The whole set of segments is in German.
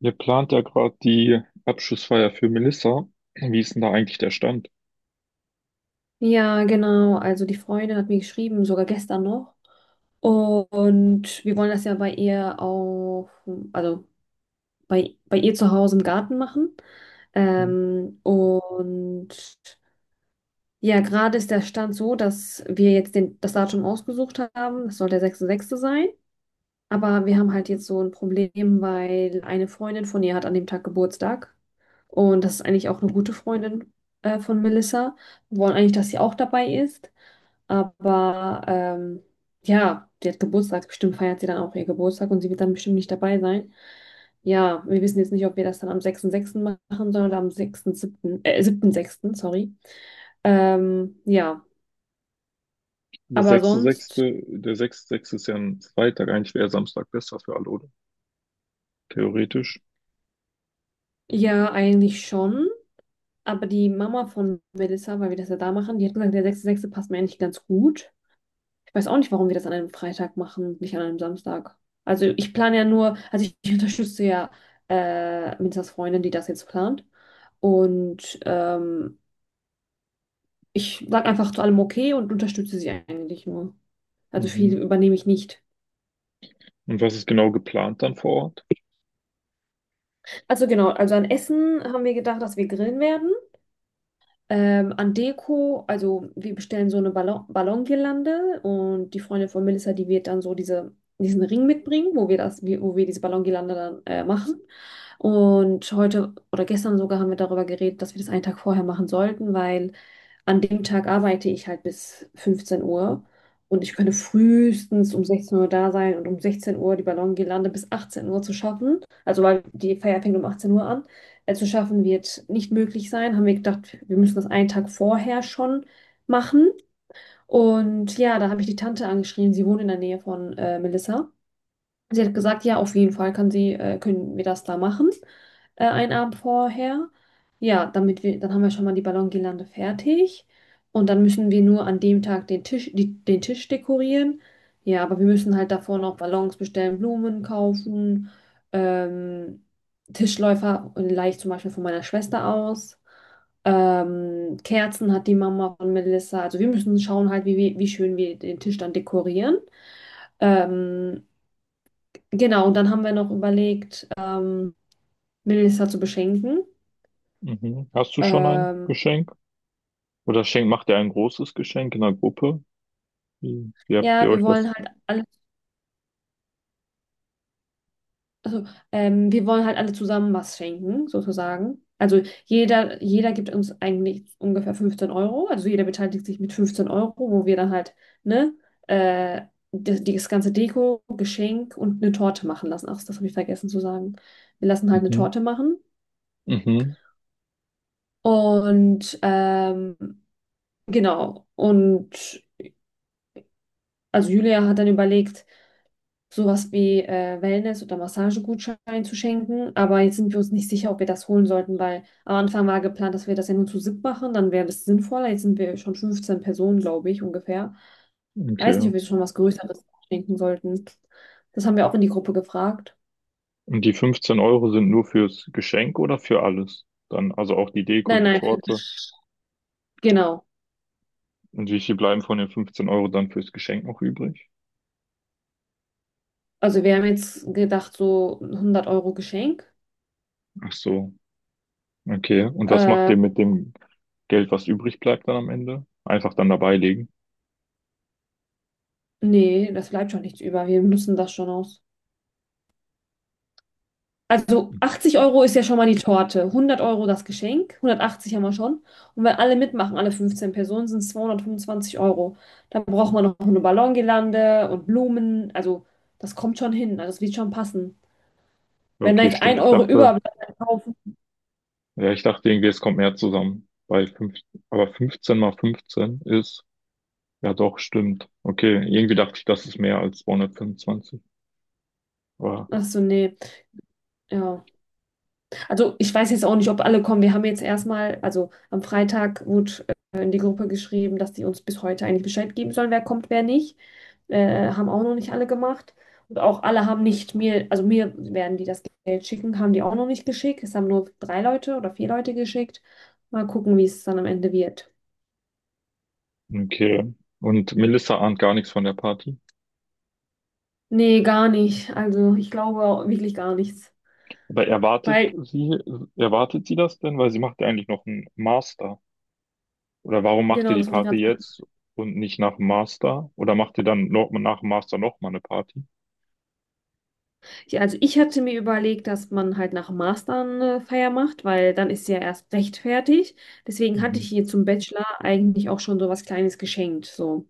Ihr plant ja gerade die Abschlussfeier für Melissa. Wie ist denn da eigentlich der Stand? Ja, genau. Also die Freundin hat mir geschrieben, sogar gestern noch. Und wir wollen das ja bei ihr auf, also bei ihr zu Hause im Garten machen. Mhm. Und ja, gerade ist der Stand so, dass wir jetzt den, das Datum ausgesucht haben. Das soll der 6.6. sein. Aber wir haben halt jetzt so ein Problem, weil eine Freundin von ihr hat an dem Tag Geburtstag. Und das ist eigentlich auch eine gute Freundin von Melissa. Wir wollen eigentlich, dass sie auch dabei ist. Aber ja, die hat Geburtstag, bestimmt feiert sie dann auch ihr Geburtstag und sie wird dann bestimmt nicht dabei sein. Ja, wir wissen jetzt nicht, ob wir das dann am 6.6. machen sollen oder am 6.7., 7.6., sorry. Ja, aber sonst, Der sechste, sechste ist ja ein Freitag. Eigentlich wäre Samstag besser für alle, oder? Theoretisch. ja, eigentlich schon. Aber die Mama von Melissa, weil wir das ja da machen, die hat gesagt, der 6.6. passt mir eigentlich ganz gut. Ich weiß auch nicht, warum wir das an einem Freitag machen, nicht an einem Samstag. Also ich plane ja nur, also ich ich unterstütze ja Melissas Freundin, die das jetzt plant. Und ich sage einfach zu allem okay und unterstütze sie eigentlich nur. Also Mhm. viel übernehme ich nicht. Und was ist genau geplant dann vor Ort? Also genau, also an Essen haben wir gedacht, dass wir grillen werden. An Deko, also wir bestellen so eine Ballongirlande, und die Freundin von Melissa, die wird dann so diesen Ring mitbringen, wo wir wo wir diese Ballongirlande dann machen. Und heute oder gestern sogar haben wir darüber geredet, dass wir das einen Tag vorher machen sollten, weil an dem Tag arbeite ich halt bis 15 Uhr und ich könnte frühestens um 16 Uhr da sein und um 16 Uhr die Ballongirlande bis 18 Uhr zu schaffen. Also weil die Feier fängt um 18 Uhr an, zu schaffen wird nicht möglich sein. Haben wir gedacht, wir müssen das einen Tag vorher schon machen. Und ja, da habe ich die Tante angeschrieben. Sie wohnt in der Nähe von Melissa. Sie hat gesagt, ja, auf jeden Fall können wir das da machen, einen Abend vorher. Ja, damit wir, dann haben wir schon mal die Ballongirlande fertig. Und dann müssen wir nur an dem Tag den Tisch dekorieren. Ja, aber wir müssen halt davor noch Ballons bestellen, Blumen kaufen, ähm, Tischläufer und leicht zum Beispiel von meiner Schwester aus. Kerzen hat die Mama von Melissa. Also wir müssen schauen halt, wie schön wir den Tisch dann dekorieren. Ähm, Genau, und dann haben wir noch überlegt, Melissa zu beschenken. Mhm. Hast du schon ein Ähm, Geschenk? Oder macht ihr ein großes Geschenk in der Gruppe? Wie habt ihr ja, wir euch wollen das? halt also, wir wollen halt alle zusammen was schenken, sozusagen. Also jeder gibt uns eigentlich ungefähr 15 Euro. Also jeder beteiligt sich mit 15 Euro, wo wir dann halt, ne, äh, das ganze Deko, Geschenk und eine Torte machen lassen. Ach, das habe ich vergessen zu sagen. Wir lassen halt eine Mhm. Torte machen. Mhm. Und genau. Und also Julia hat dann überlegt, sowas wie Wellness- oder Massagegutschein zu schenken. Aber jetzt sind wir uns nicht sicher, ob wir das holen sollten, weil am Anfang war geplant, dass wir das ja nur zu siebt machen. Dann wäre das sinnvoller. Jetzt sind wir schon 15 Personen, glaube ich, ungefähr. Weiß Okay. nicht, ob wir schon was Größeres schenken sollten. Das haben wir auch in die Gruppe gefragt. Und die 15 Euro sind nur fürs Geschenk oder für alles? Dann, also auch die Deko, Nein, die nein, Torte. genau. Und wie viel bleiben von den 15 Euro dann fürs Geschenk noch übrig? Also wir haben jetzt gedacht, so 100 Euro Geschenk. Ach so. Okay. Und was macht Äh, ihr mit dem Geld, was übrig bleibt dann am Ende? Einfach dann dabei legen. Nee, das bleibt schon nichts über. Wir nutzen das schon aus. Also 80 Euro ist ja schon mal die Torte, 100 Euro das Geschenk, 180 haben wir schon. Und wenn alle mitmachen, alle 15 Personen, sind es 225 Euro. Dann braucht man noch eine Ballongirlande und Blumen. Also das kommt schon hin, also das wird schon passen. Wenn da Okay, jetzt stimmt. ein Euro überbleibt, dann kaufen. Ich dachte irgendwie, es kommt mehr zusammen. Bei fünf, aber 15 mal 15 ist. Ja, doch, stimmt. Okay, irgendwie dachte ich, das ist mehr als 225. Aber Ach so, nee. Ja. Also ich weiß jetzt auch nicht, ob alle kommen. Wir haben jetzt erstmal, also am Freitag wurde in die Gruppe geschrieben, dass die uns bis heute eigentlich Bescheid geben sollen, wer kommt, wer nicht. Haben auch noch nicht alle gemacht. Und auch alle haben nicht mir, also mir werden die das Geld schicken, haben die auch noch nicht geschickt. Es haben nur drei Leute oder vier Leute geschickt. Mal gucken, wie es dann am Ende wird. okay. Und Melissa ahnt gar nichts von der Party. Nee, gar nicht. Also ich glaube auch wirklich gar nichts. Aber Weil, erwartet sie das denn? Weil sie macht ja eigentlich noch einen Master. Oder warum macht ihr genau, die das wollte ich Party gerade sagen. jetzt und nicht nach dem Master? Oder macht ihr dann noch nach dem Master nochmal eine Party? Ich, also ich hatte mir überlegt, dass man halt nach dem Master eine Feier macht, weil dann ist sie ja erst recht fertig. Deswegen hatte Mhm. ich ihr zum Bachelor eigentlich auch schon so was Kleines geschenkt. So.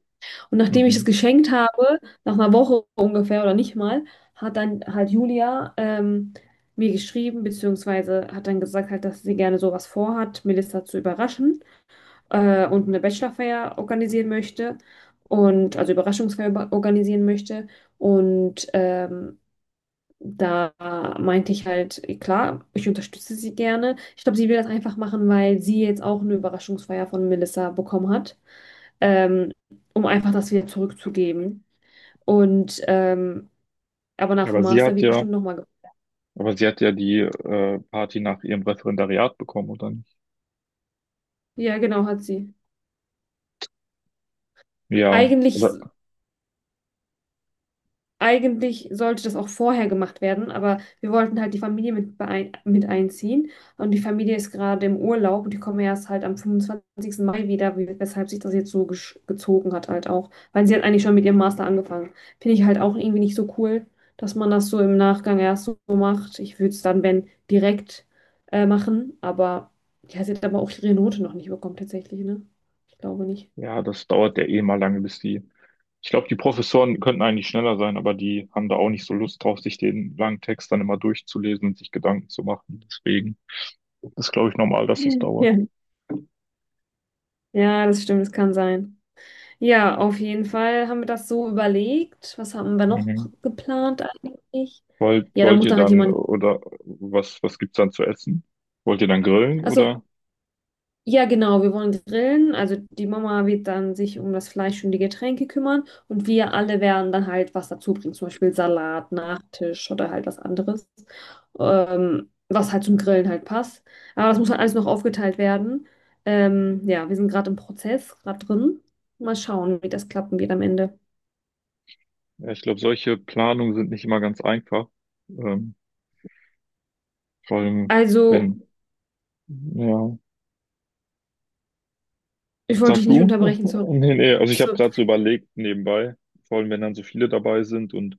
Und nachdem ich das Mhm. geschenkt habe, nach einer Woche ungefähr oder nicht mal, hat dann halt Julia mir geschrieben, beziehungsweise hat dann gesagt, halt, dass sie gerne sowas vorhat, Melissa zu überraschen und eine Bachelorfeier organisieren möchte und also organisieren möchte. Und da meinte ich halt, klar, ich unterstütze sie gerne. Ich glaube, sie will das einfach machen, weil sie jetzt auch eine Überraschungsfeier von Melissa bekommen hat. Ähm, Um einfach das wieder zurückzugeben. Und aber Ja, nach aber dem Master wird bestimmt nochmal. aber sie hat ja die Party nach ihrem Referendariat bekommen, oder nicht? Ja, genau, hat sie. Ja, Eigentlich oder Eigentlich sollte das auch vorher gemacht werden, aber wir wollten halt die Familie mit einziehen. Und die Familie ist gerade im Urlaub und die kommen erst halt am 25. Mai wieder, weshalb sich das jetzt so gezogen hat halt auch. Weil sie hat eigentlich schon mit ihrem Master angefangen. Finde ich halt auch irgendwie nicht so cool, dass man das so im Nachgang erst so macht. Ich würde es dann, wenn, direkt machen, aber ja, sie hat aber auch ihre Note noch nicht bekommen tatsächlich, ne? Ich glaube nicht. ja, das dauert ja eh mal lange, bis die. Ich glaube, die Professoren könnten eigentlich schneller sein, aber die haben da auch nicht so Lust drauf, sich den langen Text dann immer durchzulesen und sich Gedanken zu machen. Deswegen ist, glaube ich, normal, dass das dauert. Ja. Ja, das stimmt, das kann sein. Ja, auf jeden Fall haben wir das so überlegt. Was haben wir noch Mhm. geplant eigentlich? Ja, da Wollt muss ihr dann halt dann, jemand. oder was gibt's dann zu essen? Wollt ihr dann grillen Also, oder? ja, genau, wir wollen grillen. Also die Mama wird dann sich um das Fleisch und die Getränke kümmern und wir alle werden dann halt was dazu bringen, zum Beispiel Salat, Nachtisch oder halt was anderes, was halt zum Grillen halt passt. Aber das muss halt alles noch aufgeteilt werden. Ja, wir sind gerade im Prozess, gerade drin. Mal schauen, wie das klappen wird am Ende. Ja, ich glaube, solche Planungen sind nicht immer ganz einfach. Ähm, vor allem, Also, wenn, ja. ich wollte Sag dich nicht du? unterbrechen, sorry. Nee, nee. Also ich habe gerade so überlegt nebenbei, vor allem wenn dann so viele dabei sind und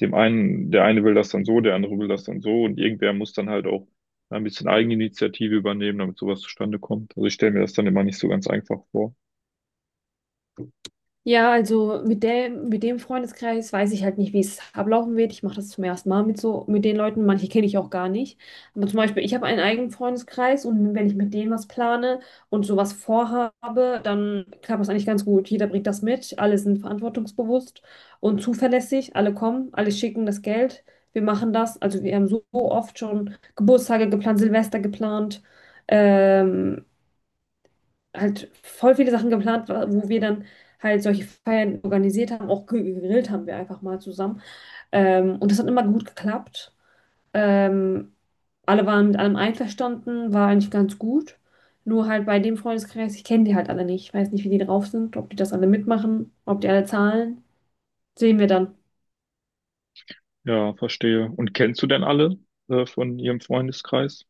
dem einen, der eine will das dann so, der andere will das dann so und irgendwer muss dann halt auch ein bisschen Eigeninitiative übernehmen, damit sowas zustande kommt. Also ich stelle mir das dann immer nicht so ganz einfach vor. Ja, also mit dem Freundeskreis weiß ich halt nicht, wie es ablaufen wird. Ich mache das zum ersten Mal mit so, mit den Leuten. Manche kenne ich auch gar nicht. Aber zum Beispiel, ich habe einen eigenen Freundeskreis und wenn ich mit denen was plane und sowas vorhabe, dann klappt das eigentlich ganz gut. Jeder bringt das mit, alle sind verantwortungsbewusst und zuverlässig. Alle kommen, alle schicken das Geld. Wir machen das. Also wir haben so oft schon Geburtstage geplant, Silvester geplant. Ähm, halt voll viele Sachen geplant, wo wir dann halt solche Feiern organisiert haben, auch gegrillt haben wir einfach mal zusammen. Und das hat immer gut geklappt. Ähm, Alle waren mit allem einverstanden, war eigentlich ganz gut. Nur halt bei dem Freundeskreis, ich kenne die halt alle nicht. Ich weiß nicht, wie die drauf sind, ob die das alle mitmachen, ob die alle zahlen. Sehen wir dann. Ja, verstehe. Und kennst du denn alle von ihrem Freundeskreis?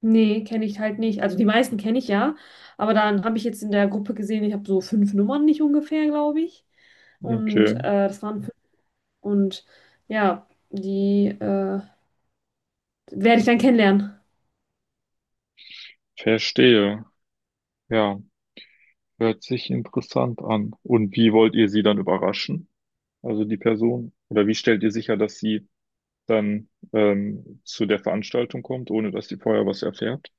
Nee, kenne ich halt nicht. Also die meisten kenne ich ja, aber dann habe ich jetzt in der Gruppe gesehen, ich habe so fünf Nummern nicht ungefähr, glaube ich. Und Okay, das waren. Und ja, die werde ich dann kennenlernen. verstehe. Ja, hört sich interessant an. Und wie wollt ihr sie dann überraschen? Also die Person? Oder wie stellt ihr sicher, dass sie dann zu der Veranstaltung kommt, ohne dass sie vorher was erfährt?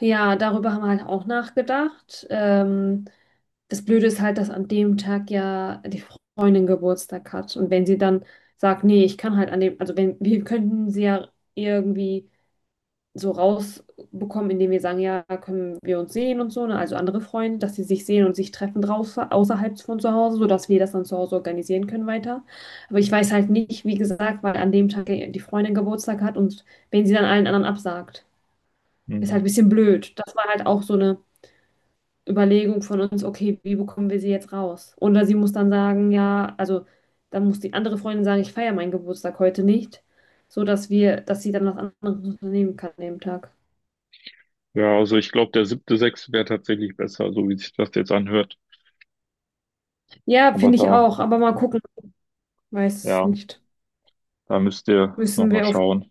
Ja, darüber haben wir halt auch nachgedacht. Das Blöde ist halt, dass an dem Tag ja die Freundin Geburtstag hat. Und wenn sie dann sagt, nee, ich kann halt an dem, also wenn, wir könnten sie ja irgendwie so rausbekommen, indem wir sagen, ja, können wir uns sehen und so, ne? Also andere Freunde, dass sie sich sehen und sich treffen draußen, außerhalb von zu Hause, sodass wir das dann zu Hause organisieren können weiter. Aber ich weiß halt nicht, wie gesagt, weil an dem Tag die Freundin Geburtstag hat und wenn sie dann allen anderen absagt, ist halt Hm. ein bisschen blöd. Das war halt auch so eine Überlegung von uns, okay, wie bekommen wir sie jetzt raus? Oder sie muss dann sagen, ja, also dann muss die andere Freundin sagen, ich feiere meinen Geburtstag heute nicht, sodass wir, dass sie dann was anderes unternehmen kann an dem Tag. Ja, also ich glaube, der siebte, sechste wäre tatsächlich besser, so wie sich das jetzt anhört. Ja, Aber finde ich auch, da, aber mal gucken. Weiß ja, nicht. da müsst ihr Müssen nochmal wir auf. schauen.